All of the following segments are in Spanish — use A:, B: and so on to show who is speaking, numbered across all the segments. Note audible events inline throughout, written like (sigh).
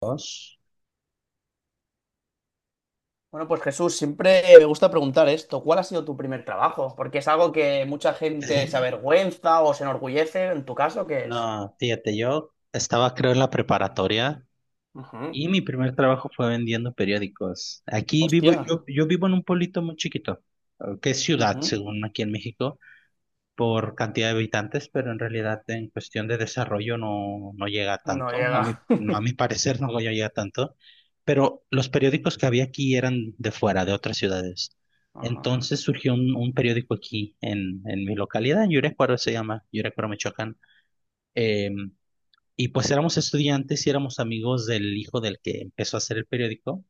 A: Dos.
B: Bueno, pues Jesús, siempre me gusta preguntar esto, ¿cuál ha sido tu primer trabajo? Porque es algo que mucha gente se
A: (laughs)
B: avergüenza o se enorgullece, en tu caso, ¿qué es?
A: No, fíjate, yo estaba creo en la preparatoria
B: Ujú.
A: y mi primer trabajo fue vendiendo periódicos. Aquí vivo,
B: Hostia,
A: yo vivo en un pueblito muy chiquito, que es ciudad,
B: ujú.
A: según aquí en México, por cantidad de habitantes, pero en realidad en cuestión de desarrollo no, no llega
B: No
A: tanto. A mi,
B: llega.
A: a
B: (laughs)
A: mi parecer no llega tanto, pero los periódicos que había aquí eran de fuera, de otras ciudades.
B: Ajá.
A: Entonces surgió un periódico aquí en mi localidad, en Yurecuaro se llama, Yurecuaro, Michoacán. Eh, y pues éramos estudiantes y éramos amigos del hijo del que empezó a hacer el periódico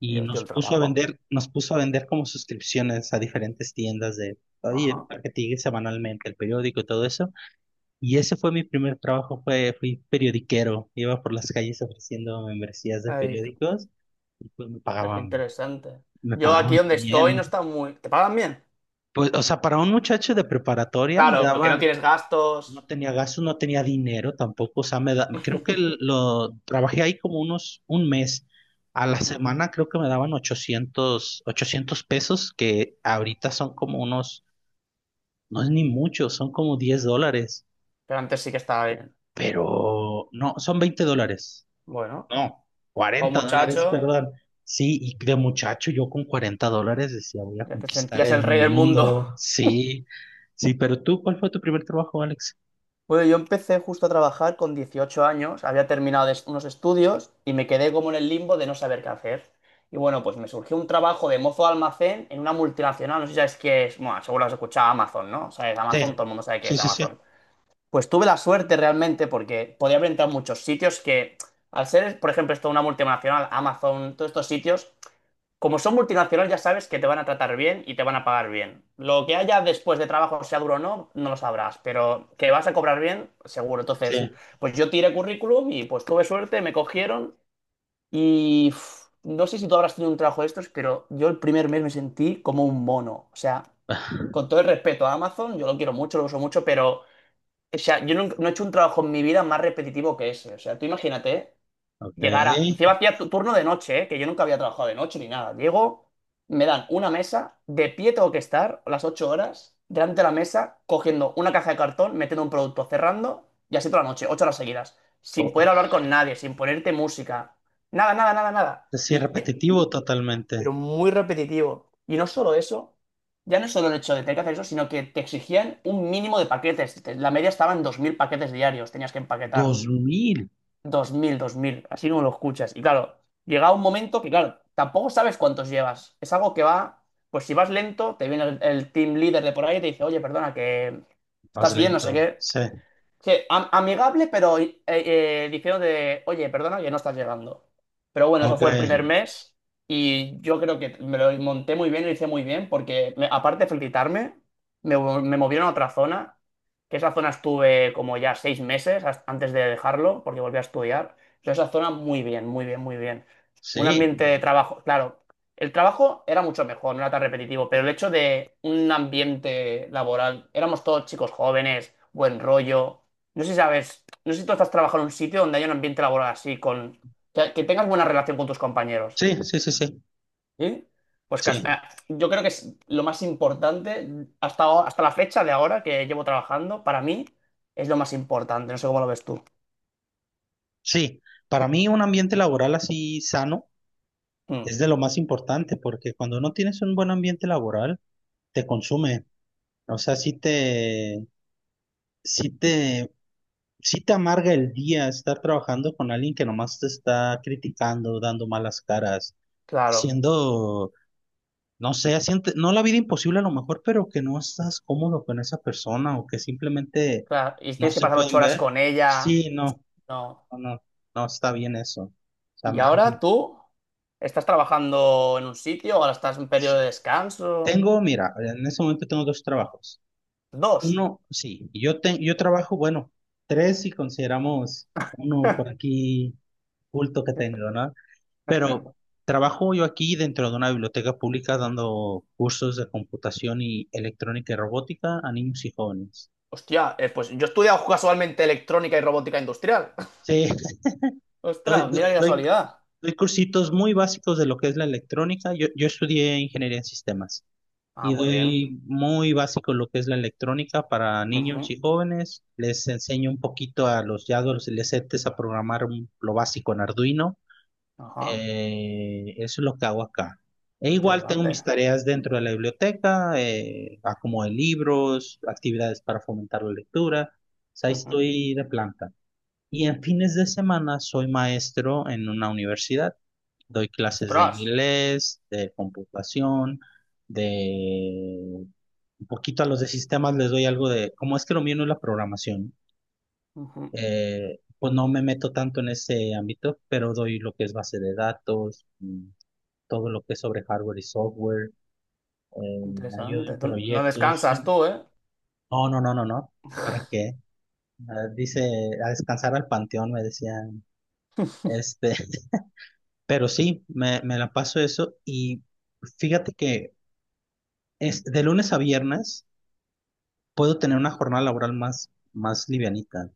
A: y
B: Yo estoy
A: nos
B: el
A: puso a
B: trabajo.
A: vender, nos puso a vender como suscripciones a diferentes tiendas de, oye,
B: Ajá.
A: para que te llegue semanalmente el periódico y todo eso. Y ese fue mi primer trabajo, fui periodiquero, iba por las calles ofreciendo membresías de
B: Ay, qué
A: periódicos y pues me
B: qué
A: pagaban,
B: interesante.
A: me
B: Yo aquí
A: pagaban
B: donde estoy no
A: bien.
B: está muy... ¿Te pagan bien?
A: Pues, o sea, para un muchacho de preparatoria me
B: Claro, que no
A: daban.
B: tienes
A: No
B: gastos.
A: tenía gasto, no tenía dinero tampoco, o sea, creo que
B: (laughs)
A: lo trabajé ahí como unos un mes. A la
B: Ujú.
A: semana creo que me daban ochocientos pesos, que ahorita son como unos, no es ni mucho, son como 10 dólares,
B: Pero antes sí que estaba bien.
A: pero no, son 20 dólares,
B: Bueno,
A: no,
B: o
A: 40 dólares,
B: muchacho,
A: perdón. Sí, y de muchacho yo con 40 dólares decía, voy a
B: ya te
A: conquistar
B: sentías el
A: el
B: rey del mundo.
A: mundo,
B: (laughs)
A: sí, sí, pero tú, ¿cuál fue tu primer trabajo, Alex?
B: Bueno, yo empecé justo a trabajar con 18 años, había terminado unos estudios y me quedé como en el limbo de no saber qué hacer. Y bueno, pues me surgió un trabajo de mozo de almacén en una multinacional, no sé si sabes qué es, bueno, seguro has escuchado Amazon, ¿no? Sabes,
A: Sí,
B: Amazon, todo el mundo sabe qué
A: sí,
B: es
A: sí, sí.
B: Amazon. Pues tuve la suerte realmente porque podía haber entrado en muchos sitios que, al ser, por ejemplo, esto una multinacional, Amazon, todos estos sitios, como son multinacionales, ya sabes que te van a tratar bien y te van a pagar bien. Lo que haya después de trabajo, sea duro o no, no lo sabrás, pero que vas a cobrar bien, seguro. Entonces, pues yo tiré currículum y pues tuve suerte, me cogieron y uf, no sé si tú habrás tenido un trabajo de estos, pero yo el primer mes me sentí como un mono. O sea,
A: Sí.
B: con todo el respeto a Amazon, yo lo quiero mucho, lo uso mucho, pero o sea, yo no, no he hecho un trabajo en mi vida más repetitivo que ese. O sea, tú imagínate, ¿eh?
A: Ok.
B: Llegar a... Encima hacía turno de noche, ¿eh? Que yo nunca había trabajado de noche ni nada. Llego, me dan una mesa, de pie tengo que estar las 8 horas, delante de la mesa, cogiendo una caja de cartón, metiendo un producto, cerrando, y así toda la noche, 8 horas seguidas. Sin
A: O-
B: poder hablar con nadie, sin ponerte música. Nada, nada, nada, nada.
A: sí,
B: Y, eh,
A: repetitivo
B: y- pero
A: totalmente.
B: muy repetitivo. Y no solo eso, ya no es solo el hecho de tener que hacer eso, sino que te exigían un mínimo de paquetes. Te- La media estaba en 2000 paquetes diarios, tenías que
A: Dos
B: empaquetar
A: mil
B: 2000 2000 así como lo escuchas. Y claro, llega un momento que, claro, tampoco sabes cuántos llevas. Es algo que va, pues si vas lento, te viene el team leader de por ahí y te dice, oye, perdona, que
A: Más
B: estás bien, no sé
A: lento.
B: qué.
A: Sí.
B: Sí, amigable, pero diciendo de, oye, perdona que no estás llegando. Pero bueno, eso
A: Ok.
B: fue el primer mes y yo creo que me lo monté muy bien, lo hice muy bien, porque aparte de felicitarme, me movieron a otra zona, que esa zona estuve como ya 6 meses antes de dejarlo, porque volví a estudiar. Yo esa zona muy bien, muy bien, muy bien. Un
A: Sí.
B: ambiente de trabajo, claro. El trabajo era mucho mejor, no era tan repetitivo, pero el hecho de un ambiente laboral, éramos todos chicos jóvenes, buen rollo. No sé si sabes, no sé si tú estás trabajando en un sitio donde haya un ambiente laboral así, con que tengas buena relación con tus compañeros.
A: Sí, sí, sí, sí.
B: ¿Sí? Pues
A: Sí.
B: yo creo que es lo más importante hasta, hasta la fecha de ahora que llevo trabajando, para mí es lo más importante. No sé cómo lo ves tú.
A: Sí. Para mí un ambiente laboral así sano
B: Mm,
A: es de lo más importante porque cuando no tienes un buen ambiente laboral, te consume. O sea, sí te, sí te amarga el día estar trabajando con alguien que nomás te está criticando, dando malas caras,
B: claro,
A: siendo... No sé, siente, no la vida imposible a lo mejor, pero que no estás cómodo con esa persona o que simplemente
B: claro. Y
A: no
B: tienes que
A: se
B: pasar ocho
A: pueden
B: horas
A: ver.
B: con ella.
A: Sí, no,
B: No.
A: no, no, no está bien eso. O sea,
B: ¿Y
A: a
B: ahora
A: mí,
B: tú estás trabajando en un sitio? ¿Ahora estás en un
A: sí.
B: periodo de descanso?
A: Tengo, mira, en ese momento tengo dos trabajos.
B: Dos.
A: Uno, sí, yo trabajo, bueno, tres si consideramos uno por aquí culto que tengo,
B: (laughs)
A: ¿no? Pero trabajo yo aquí dentro de una biblioteca pública dando cursos de computación y electrónica y robótica a niños y jóvenes.
B: Hostia, pues yo he estudiado casualmente electrónica y robótica industrial.
A: Sí.
B: (laughs)
A: (laughs) doy,
B: Ostras,
A: do-
B: mira qué
A: doy-
B: casualidad.
A: doy cursitos muy básicos de lo que es la electrónica. Yo estudié ingeniería en sistemas
B: Ah,
A: y
B: muy bien.
A: doy muy básico lo que es la electrónica para niños
B: Ujú,
A: y jóvenes. Les enseño un poquito a los ya adolescentes a programar lo básico en Arduino.
B: ajá,
A: Eso es lo que hago acá. E igual tengo mis
B: interesante.
A: tareas dentro de la biblioteca, acomodo de libros, actividades para fomentar la lectura. O sea, ahí
B: Ujú.
A: estoy de planta. Y en fines de semana soy maestro en una universidad. Doy clases de
B: Ostras,
A: inglés, de computación, de un poquito a los de sistemas les doy algo de, como es que lo mío no es la programación,
B: ujú,
A: pues no me meto tanto en ese ámbito, pero doy lo que es base de datos, todo lo que es sobre hardware y software, ayudo
B: interesante.
A: en
B: Tú no
A: proyectos.
B: descansas tú, ¿eh?
A: No, no, no, no, no. ¿Para qué? Ah, dice, a descansar al panteón, me decían. Este, Pero sí, me la paso eso y fíjate que es, de lunes a viernes puedo tener una jornada laboral más livianita.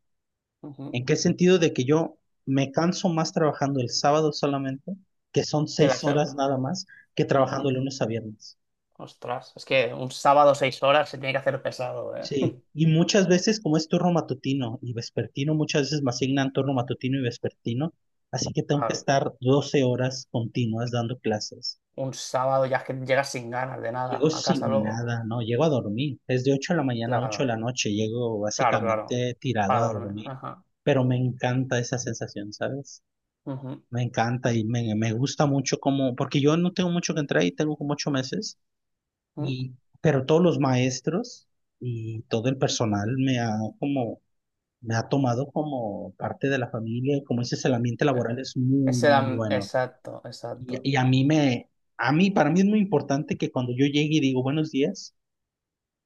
B: Ujú.
A: ¿En qué sentido de que yo me canso más trabajando el sábado solamente, que son
B: Que la
A: seis
B: se-
A: horas nada más, que trabajando
B: Ujú.
A: de lunes a viernes?
B: Ostras, es que un sábado 6 horas se tiene que hacer pesado, ¿eh?
A: Sí,
B: (laughs)
A: y muchas veces como es turno matutino y vespertino, muchas veces me asignan turno matutino y vespertino, así que tengo que
B: Claro,
A: estar 12 horas continuas dando clases.
B: un sábado ya es que llegas sin ganas de
A: Llego
B: nada a casa
A: sin
B: luego.
A: nada, no, llego a dormir. Es de 8 de la mañana a 8 de
B: Claro,
A: la noche, llego
B: claro, claro.
A: básicamente tirado
B: Para
A: a
B: dormir.
A: dormir.
B: Ajá.
A: Pero me encanta esa sensación, ¿sabes?
B: Ujú,
A: Me encanta y me gusta mucho como, porque yo no tengo mucho que entrar y tengo como 8 meses,
B: ujú,
A: y, pero todos los maestros y todo el personal como, me ha tomado como parte de la familia y como dices, el ambiente
B: sí.
A: laboral es muy,
B: Ese
A: muy
B: era-
A: bueno.
B: Exacto, exacto.
A: Y a mí me, a mí, Para mí es muy importante que cuando yo llegue y digo buenos días,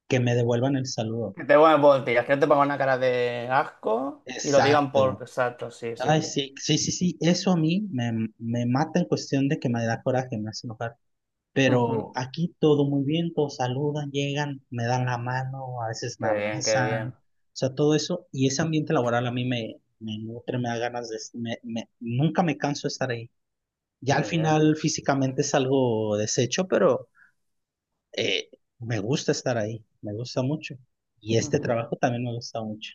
A: que me devuelvan el saludo.
B: Que te pongan voltillas, que no te pongan una cara de asco y lo digan por
A: Exacto.
B: exacto, sí, sí.
A: Ay, sí, sí, sí, sí. Eso a mí me mata en cuestión de que me da coraje, me hace enojar.
B: Ujú.
A: Pero aquí todo muy bien, todos saludan, llegan, me dan la mano, a veces me
B: Qué bien, qué
A: abrazan.
B: bien.
A: O sea, todo eso. Y ese ambiente laboral a mí me nutre, me da ganas de... Nunca me canso de estar ahí. Ya al
B: Muy bien.
A: final físicamente es algo deshecho, pero eh, me gusta estar ahí, me gusta mucho. Y este
B: Ujú.
A: trabajo también me gusta mucho.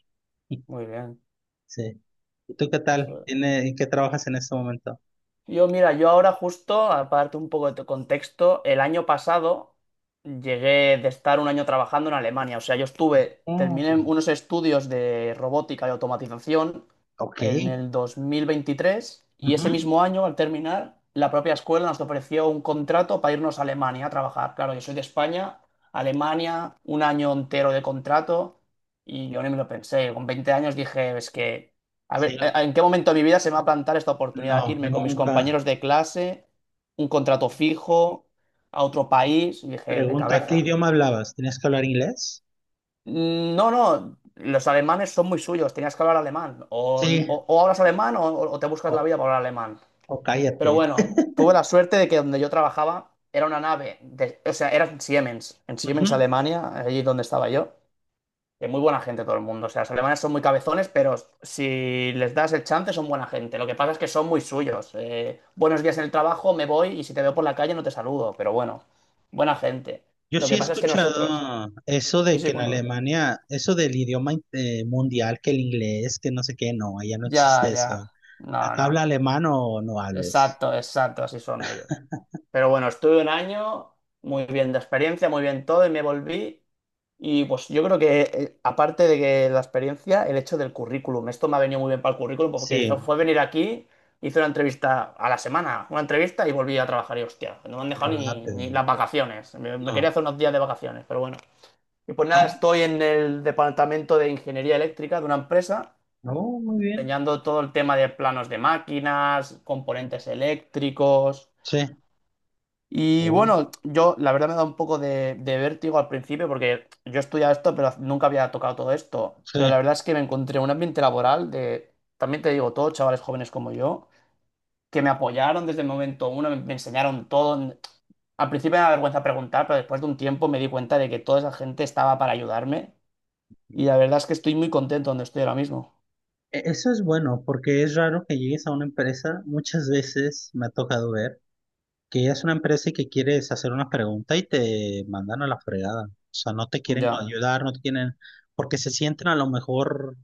B: Muy bien.
A: Sí. ¿Y tú qué tal? ¿En qué trabajas en este momento?
B: Yo, mira, yo ahora justo, aparte un poco de tu contexto, el año pasado llegué de estar un año trabajando en Alemania. O sea, yo estuve, terminé
A: Mm,
B: unos estudios de robótica y automatización
A: ok.
B: en el 2023 y ese
A: Ujú.
B: mismo año, al terminar, la propia escuela nos ofreció un contrato para irnos a Alemania a trabajar. Claro, yo soy de España, Alemania, un año entero de contrato y yo ni me lo pensé. Con 20 años dije, es que a
A: Sí.
B: ver, ¿en qué momento de mi vida se me va a plantar esta oportunidad?
A: No,
B: Irme con mis
A: nunca.
B: compañeros de clase, un contrato fijo, a otro país. Y dije, de
A: Pregunta, ¿qué
B: cabeza.
A: idioma hablabas? ¿Tenías que hablar inglés?
B: " No, no, los alemanes son muy suyos, tenías que hablar alemán. O,
A: Sí.
B: o- o hablas alemán o te buscas la
A: O,
B: vida para hablar alemán.
A: o cállate.
B: Pero bueno, tuve la suerte de que donde yo trabajaba era una nave, o sea, era en
A: Ujú.
B: Siemens, Alemania, allí donde estaba yo. Muy buena gente todo el mundo. O sea, los alemanes son muy cabezones, pero si les das el chance son buena gente. Lo que pasa es que son muy suyos. Buenos días en el trabajo, me voy y si te veo por la calle no te saludo. Pero bueno, buena gente.
A: Yo
B: Lo
A: sí he
B: que pasa es que nosotros...
A: escuchado eso
B: Sí,
A: de que
B: sí,
A: en
B: cuéntame.
A: Alemania, eso del idioma mundial, que el inglés, que no sé qué, no, allá no
B: Ya,
A: existe eso.
B: ya. No,
A: Acá
B: no.
A: habla alemán o no hables.
B: Exacto, exacto, así son ellos. Pero bueno, estuve un año, muy bien de experiencia, muy bien todo y me volví. Y pues yo creo que, aparte de que la experiencia, el hecho del currículum. Esto me ha venido muy bien para el currículum pues, porque fue,
A: Sí,
B: fue venir aquí, hice una entrevista a la semana, una entrevista y volví a trabajar. Y hostia, no me han dejado ni
A: rápido.
B: las vacaciones. Me quería
A: No.
B: hacer unos días de vacaciones, pero bueno. Y pues nada,
A: Ah,
B: estoy en el departamento de ingeniería eléctrica de una empresa,
A: no, muy bien.
B: enseñando todo el tema de planos de máquinas, componentes eléctricos.
A: Sí.
B: Y
A: Oh,
B: bueno, yo la verdad me da un poco de vértigo al principio porque yo estudiaba esto, pero nunca había tocado todo esto. Pero la
A: sí.
B: verdad es que me encontré un ambiente laboral de, también te digo, todos chavales jóvenes como yo, que me apoyaron desde el momento uno, me enseñaron todo. Al principio me da vergüenza preguntar, pero después de un tiempo me di cuenta de que toda esa gente estaba para ayudarme. Y la verdad es que estoy muy contento donde estoy ahora mismo.
A: Eso es bueno porque es raro que llegues a una empresa, muchas veces me ha tocado ver que ella es una empresa y que quieres hacer unas preguntas y te mandan a la fregada. O sea, no te quieren
B: Ya,
A: ayudar, no te quieren, porque se sienten a lo mejor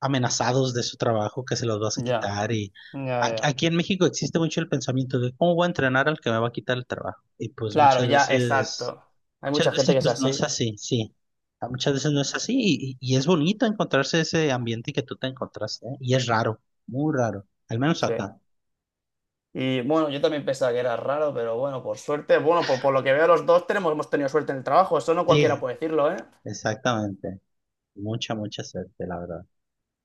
A: amenazados de su trabajo, que se los vas a
B: ya,
A: quitar. Y
B: ya, ya.
A: aquí en México existe mucho el pensamiento de cómo voy a entrenar al que me va a quitar el trabajo. Y pues
B: Claro,
A: muchas
B: ya,
A: veces,
B: exacto. Hay
A: muchas
B: mucha gente
A: veces
B: que es
A: pues no es
B: así.
A: así, sí. A Muchas veces no es así y es bonito encontrarse ese ambiente que tú te encontraste, ¿eh? Y es raro, muy raro, al menos
B: Sí.
A: acá.
B: Y bueno, yo también pensaba que era raro, pero bueno, por suerte, bueno, por lo que veo los dos tenemos, hemos tenido suerte en el trabajo, eso no cualquiera
A: Sí,
B: puede decirlo, ¿eh?
A: exactamente. Mucha, mucha suerte, la verdad.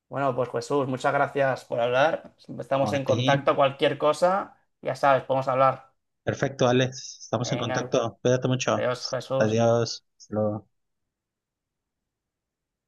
B: Bueno, pues Jesús, muchas gracias por hablar.
A: No,
B: Estamos
A: a
B: en
A: ti.
B: contacto, cualquier cosa, ya sabes, podemos hablar.
A: Perfecto, Alex. Estamos en
B: Venga,
A: contacto. Cuídate mucho.
B: adiós, Jesús.
A: Adiós. Hasta luego.